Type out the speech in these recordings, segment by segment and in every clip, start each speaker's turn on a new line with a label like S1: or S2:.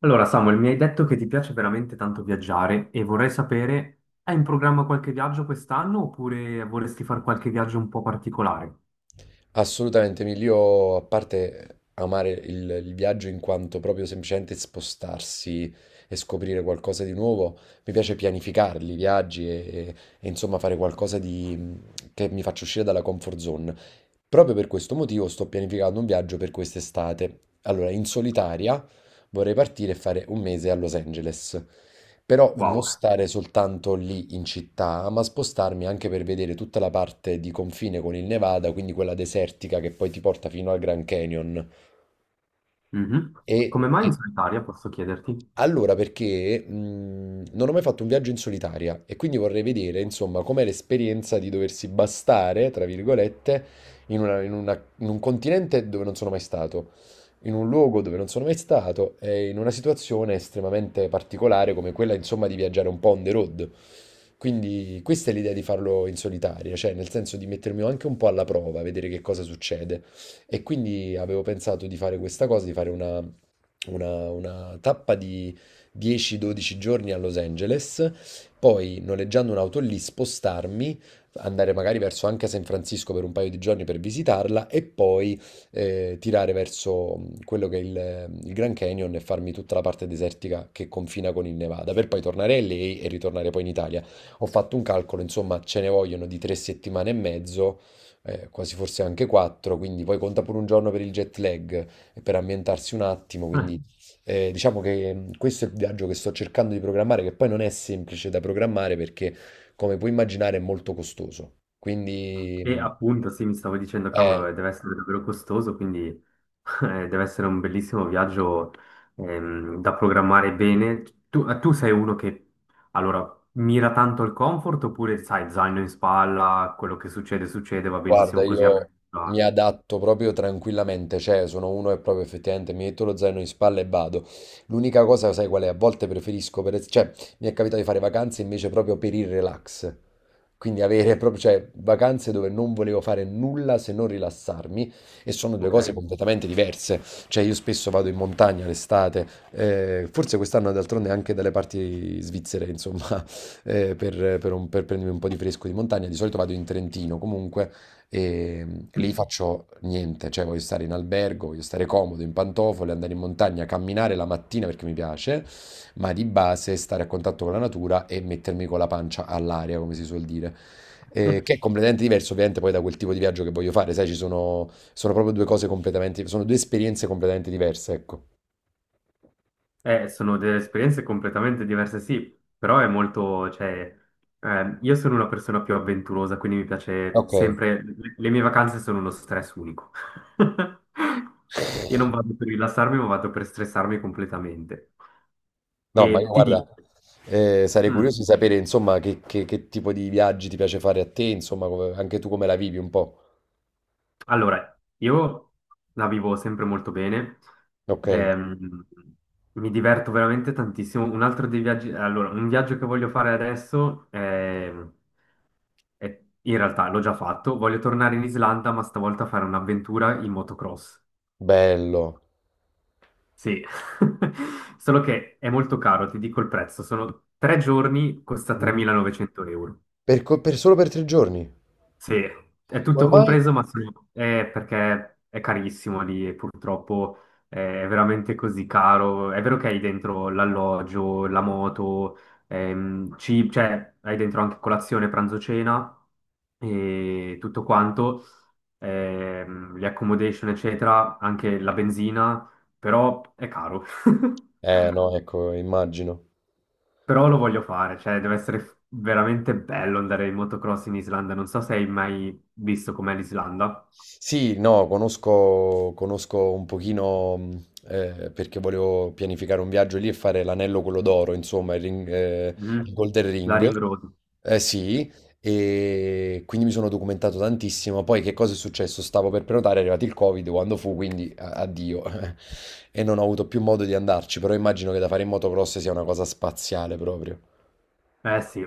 S1: Allora, Samuel, mi hai detto che ti piace veramente tanto viaggiare e vorrei sapere, hai in programma qualche viaggio quest'anno oppure vorresti fare qualche viaggio un po' particolare?
S2: Assolutamente, Emilio, a parte amare il viaggio in quanto proprio semplicemente spostarsi e scoprire qualcosa di nuovo, mi piace pianificarli, i viaggi e- e insomma fare qualcosa di, che mi faccia uscire dalla comfort zone. Proprio per questo motivo sto pianificando un viaggio per quest'estate. Allora, in solitaria vorrei partire e fare un mese a Los Angeles. Però non
S1: Wow.
S2: stare soltanto lì in città, ma spostarmi anche per vedere tutta la parte di confine con il Nevada, quindi quella desertica che poi ti porta fino al Grand Canyon.
S1: Mhm.
S2: E,
S1: Come mai
S2: e
S1: in solitaria, posso chiederti?
S2: allora, perché non ho mai fatto un viaggio in solitaria e quindi vorrei vedere, insomma, com'è l'esperienza di doversi bastare, tra virgolette, in un continente dove non sono mai stato, in un luogo dove non sono mai stato e in una situazione estremamente particolare come quella, insomma, di viaggiare un po' on the road. Quindi questa è l'idea di farlo in solitaria, cioè nel senso di mettermi anche un po' alla prova, vedere che cosa succede. E quindi avevo pensato di fare questa cosa, di fare una tappa di 10-12 giorni a Los Angeles, poi noleggiando un'auto lì, spostarmi, andare magari verso anche San Francisco per un paio di giorni per visitarla e poi tirare verso quello che è il Grand Canyon e farmi tutta la parte desertica che confina con il Nevada, per poi tornare lì e ritornare poi in Italia. Ho fatto un calcolo, insomma, ce ne vogliono di 3 settimane e mezzo, quasi forse anche quattro, quindi poi conta pure un giorno per il jet lag e per ambientarsi un attimo,
S1: Eh,
S2: quindi diciamo che questo è il viaggio che sto cercando di programmare, che poi non è semplice da programmare perché, come puoi immaginare, è molto costoso. Quindi,
S1: E appunto, sì, mi stavo dicendo,
S2: eh,
S1: cavolo, deve essere davvero costoso, quindi. Deve essere un bellissimo viaggio, da programmare bene. Tu sei uno che, allora, mira tanto al comfort oppure, sai, zaino in spalla, quello che succede, succede, va
S2: Guarda,
S1: benissimo così.
S2: io mi adatto proprio tranquillamente, cioè sono uno che proprio effettivamente mi metto lo zaino in spalla e vado. L'unica cosa, sai qual è? A volte preferisco, cioè mi è capitato di fare vacanze invece proprio per il relax, quindi avere proprio, cioè vacanze dove non volevo fare nulla se non rilassarmi e sono due
S1: Ok.
S2: cose completamente diverse, cioè io spesso vado in montagna l'estate, forse quest'anno d'altronde anche dalle parti svizzere, insomma, per prendermi un po' di fresco di montagna, di solito vado in Trentino comunque. E lì faccio niente, cioè voglio stare in albergo, voglio stare comodo, in pantofole, andare in montagna, camminare la mattina perché mi piace, ma di base stare a contatto con la natura e mettermi con la pancia all'aria, come si suol dire. Che è completamente diverso ovviamente poi da quel tipo di viaggio che voglio fare, sai, ci sono, sono proprio due cose completamente, sono due esperienze completamente diverse, ecco.
S1: Sono delle esperienze completamente diverse, sì, però è molto, cioè, io sono una persona più avventurosa, quindi mi piace
S2: Ok,
S1: sempre, le mie vacanze sono uno stress unico. Io non vado per rilassarmi, ma vado per stressarmi completamente.
S2: no,
S1: E
S2: ma io
S1: ti
S2: guarda,
S1: dico,
S2: sarei curioso
S1: mm,
S2: di sapere insomma che tipo di viaggi ti piace fare a te, insomma, come anche tu come la vivi un po'.
S1: allora, io la vivo sempre molto bene,
S2: Ok.
S1: ehm, mi diverto veramente tantissimo. Un altro dei viaggi, allora, un viaggio che voglio fare adesso, in realtà l'ho già fatto, voglio tornare in Islanda, ma stavolta fare un'avventura in motocross.
S2: Bello.
S1: Sì, solo che è molto caro, ti dico il prezzo, sono 3 giorni, costa
S2: Mhm.
S1: 3.900 euro.
S2: Per, solo per tre giorni?
S1: Sì, è
S2: Come
S1: tutto
S2: mai?
S1: compreso, ma sì, è perché è carissimo lì e purtroppo è veramente così caro. È vero che hai dentro l'alloggio, la moto, cioè hai dentro anche colazione, pranzo, cena e tutto quanto, le accommodation, eccetera, anche la benzina, però è caro.
S2: Eh no, ecco, immagino.
S1: Però lo voglio fare, cioè deve essere veramente bello andare in motocross in Islanda. Non so se hai mai visto com'è l'Islanda.
S2: Sì, no, conosco, conosco un pochino, perché volevo pianificare un viaggio lì e fare l'anello quello d'oro, insomma, il
S1: Mhm.
S2: Golden
S1: La
S2: Ring.
S1: Ring Road.
S2: Eh sì, e quindi mi sono documentato tantissimo. Poi che cosa è successo? Stavo per prenotare, è arrivato il Covid quando fu, quindi addio. E non ho avuto più modo di andarci, però immagino che da fare in motocross sia una cosa spaziale proprio.
S1: Eh sì.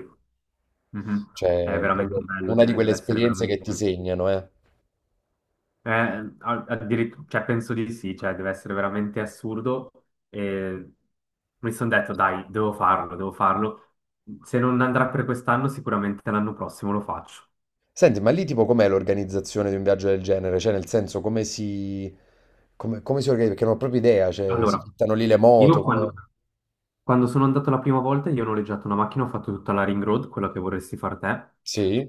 S1: Mhm. È
S2: Cioè, è
S1: veramente
S2: proprio
S1: bello,
S2: una di
S1: cioè
S2: quelle
S1: deve essere
S2: esperienze che
S1: veramente,
S2: ti segnano, eh.
S1: eh, cioè, penso di sì, cioè deve essere veramente assurdo. E mi sono detto, dai, devo farlo, devo farlo. Se non andrà per quest'anno, sicuramente l'anno prossimo lo faccio.
S2: Senti, ma lì tipo com'è l'organizzazione di un viaggio del genere? Cioè, nel senso, come si organizza? Perché non ho proprio idea, cioè, si
S1: Allora,
S2: fittano lì le moto,
S1: io
S2: come...
S1: quando sono andato la prima volta, io ho noleggiato una macchina, ho fatto tutta la Ring Road, quella che vorresti far te.
S2: Sì?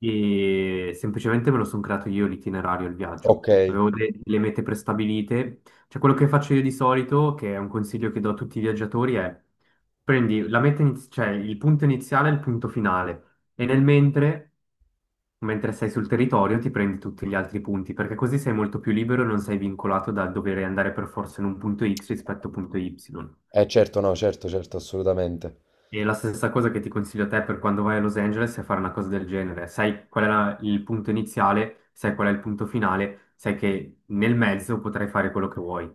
S1: E semplicemente me lo sono creato io l'itinerario, il viaggio.
S2: Ok.
S1: Avevo delle mete prestabilite. Cioè, quello che faccio io di solito, che è un consiglio che do a tutti i viaggiatori, è prendi la meta cioè il punto iniziale e il punto finale. E nel mentre, mentre sei sul territorio, ti prendi tutti gli altri punti, perché così sei molto più libero e non sei vincolato dal dover andare per forza in un punto X rispetto a un punto Y.
S2: Certo, no, certo, certo, assolutamente.
S1: E la stessa cosa che ti consiglio a te per quando vai a Los Angeles è fare una cosa del genere. Sai qual è il punto iniziale, sai qual è il punto finale, sai che nel mezzo potrai fare quello che vuoi.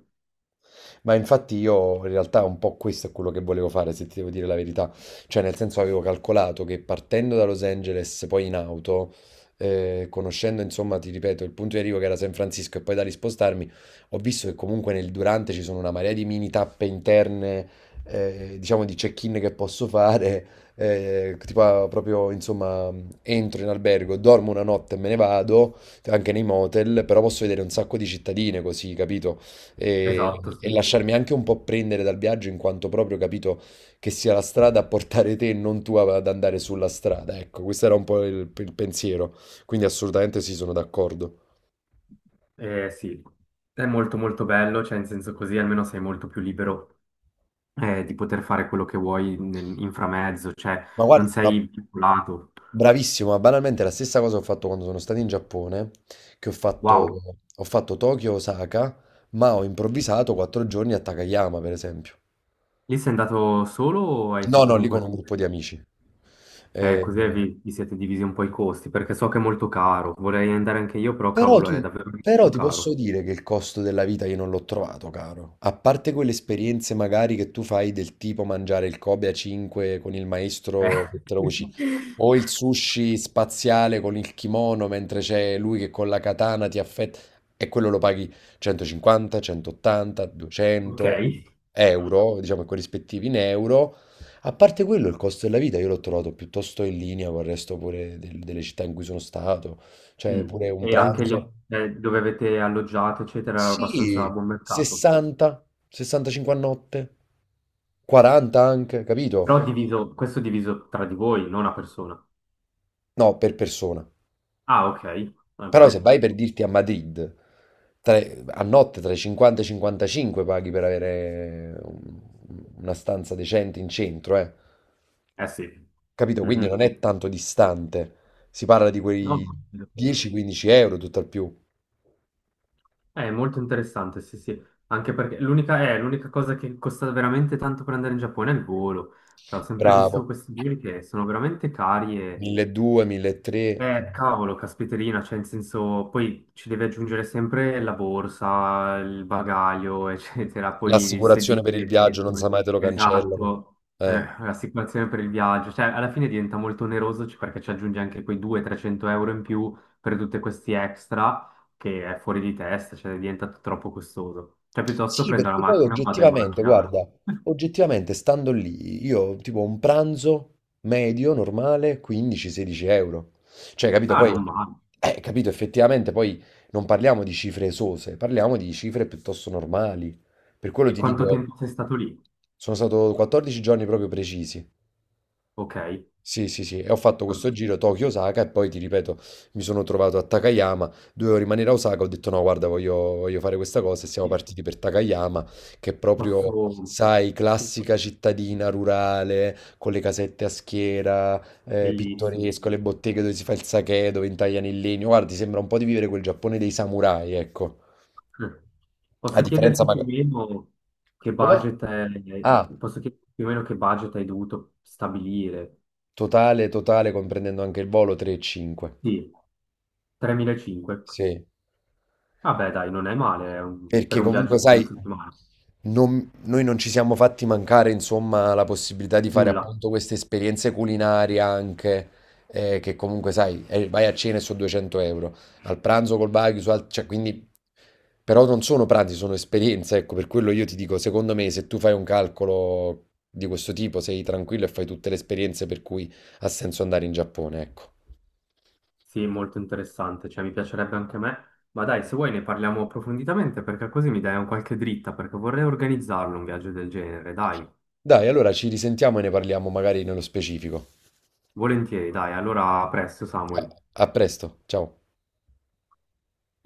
S2: Ma infatti io in realtà un po' questo è quello che volevo fare, se ti devo dire la verità. Cioè, nel senso avevo calcolato che partendo da Los Angeles, poi in auto, conoscendo insomma, ti ripeto, il punto di arrivo che era San Francisco e poi da lì spostarmi, ho visto che comunque nel durante ci sono una marea di mini tappe interne, diciamo di check-in che posso fare. Tipo, proprio insomma entro in albergo, dormo una notte e me ne vado anche nei motel, però posso vedere un sacco di cittadine così, capito? E
S1: Esatto,
S2: e
S1: sì.
S2: lasciarmi anche un po' prendere dal viaggio in quanto proprio capito che sia la strada a portare te e non tu ad andare sulla strada. Ecco, questo era un po' il pensiero, quindi assolutamente sì, sono d'accordo.
S1: Sì. È molto molto bello, cioè in senso così almeno sei molto più libero, di poter fare quello che vuoi in, framezzo, cioè
S2: Ma
S1: non
S2: guarda, ma
S1: sei vincolato.
S2: bravissimo, ma banalmente la stessa cosa ho fatto quando sono stato in Giappone, che ho fatto,
S1: Wow,
S2: ho fatto Tokyo-Osaka, ma ho improvvisato 4 giorni a Takayama, per esempio.
S1: lì sei andato solo o hai
S2: No,
S1: fatto
S2: no,
S1: con
S2: lì con un
S1: qualcuno?
S2: gruppo di amici.
S1: Eh,
S2: Eh,
S1: così vi siete divisi un po' i costi, perché so che è molto caro. Vorrei andare anche io, però
S2: Però
S1: cavolo, è
S2: tu,
S1: davvero
S2: però
S1: molto
S2: ti posso
S1: caro.
S2: dire che il costo della vita io non l'ho trovato caro. A parte quelle esperienze magari che tu fai del tipo mangiare il Kobe a 5 con il
S1: Eh.
S2: maestro che te lo cucina, o il sushi spaziale con il kimono mentre c'è lui che con la katana ti affetta, e quello lo paghi 150, 180,
S1: Ok.
S2: 200 euro, diciamo corrispettivi in euro. A parte quello, il costo della vita io l'ho trovato piuttosto in linea con il resto pure delle città in cui sono stato. Cioè,
S1: Mm.
S2: pure un
S1: E anche gli,
S2: pranzo.
S1: dove avete alloggiato, eccetera, era abbastanza a
S2: Sì,
S1: buon mercato.
S2: 60, 65 a notte, 40 anche, capito?
S1: Però diviso, questo è diviso tra di voi, non a persona.
S2: No, per persona.
S1: Ah, ok, va
S2: Però se
S1: bene.
S2: vai per dirti a Madrid, tra- a notte tra i 50 e i 55 paghi per avere un- una stanza decente in centro, eh.
S1: Eh sì.
S2: Capito? Quindi non
S1: Mhm.
S2: è tanto distante. Si parla di quei
S1: No.
S2: 10-15 euro, tutto al più.
S1: È molto interessante, sì, sì, anche perché l'unica l'unica cosa che costa veramente tanto per andare in Giappone è il volo. Cioè, ho sempre visto
S2: Bravo.
S1: questi voli che sono veramente cari,
S2: 1200, 1300.
S1: cavolo, caspiterina, cioè in senso, poi ci devi aggiungere sempre la borsa, il bagaglio, eccetera, poi il
S2: L'assicurazione per
S1: sedile,
S2: il
S1: che
S2: viaggio, non sa mai te lo cancellano.
S1: esatto.
S2: Eh.
S1: L'assicurazione per il viaggio, cioè alla fine diventa molto oneroso perché ci aggiungi anche quei 200-300 euro in più per tutti questi extra, che è fuori di testa, cioè diventa troppo costoso. Cioè piuttosto
S2: Sì,
S1: prendo la
S2: perché poi
S1: macchina, vado in
S2: oggettivamente,
S1: macchina.
S2: guarda, oggettivamente stando lì, io tipo un pranzo medio, normale, 15-16 euro. Cioè, capito?
S1: Ah,
S2: Poi,
S1: non male.
S2: capito, effettivamente poi non parliamo di cifre esose, parliamo di cifre piuttosto normali. Per quello
S1: E
S2: ti
S1: quanto
S2: dico,
S1: tempo sei stato lì?
S2: sono stato 14 giorni proprio precisi.
S1: Ok.
S2: Sì, sì, sì, e ho fatto questo giro Tokyo-Osaka e poi ti ripeto, mi sono trovato a Takayama, dovevo rimanere a Osaka, ho detto no, guarda, voglio, voglio fare questa cosa e siamo partiti per Takayama, che è proprio,
S1: Posso...
S2: sai, classica cittadina rurale, con le casette a schiera,
S1: Bellissimo.
S2: pittoresco, le botteghe dove si fa il sake, dove intagliano il legno, guarda, ti sembra un po' di vivere quel Giappone dei samurai, ecco,
S1: Eh.
S2: a
S1: Posso
S2: differenza
S1: chiederti più o
S2: magari...
S1: meno che
S2: Come?
S1: budget è...
S2: Ah,
S1: Posso chiederti più o meno che budget hai dovuto stabilire?
S2: totale, totale, comprendendo anche il volo 3 e 5.
S1: Sì, 3.500.
S2: Sì.
S1: Vabbè, dai, non è male, è per
S2: Perché
S1: un viaggio
S2: comunque,
S1: di due
S2: sai,
S1: settimane.
S2: noi non ci siamo fatti mancare, insomma, la possibilità di fare
S1: Nulla.
S2: appunto queste esperienze culinarie anche, che comunque, sai, vai a cena e sono 200 euro, al pranzo col barbecue, cioè, quindi, però non sono pranzi, sono esperienze, ecco, per quello io ti dico, secondo me, se tu fai un calcolo di questo tipo, sei tranquillo e fai tutte le esperienze per cui ha senso andare in Giappone, ecco.
S1: Sì, è molto interessante, cioè mi piacerebbe anche a me. Ma dai, se vuoi ne parliamo approfonditamente perché così mi dai un qualche dritta, perché vorrei organizzarlo un viaggio del genere, dai.
S2: Dai, allora ci risentiamo e ne parliamo magari nello specifico.
S1: Volentieri, dai. Allora, a presto, Samuel.
S2: A a presto, ciao.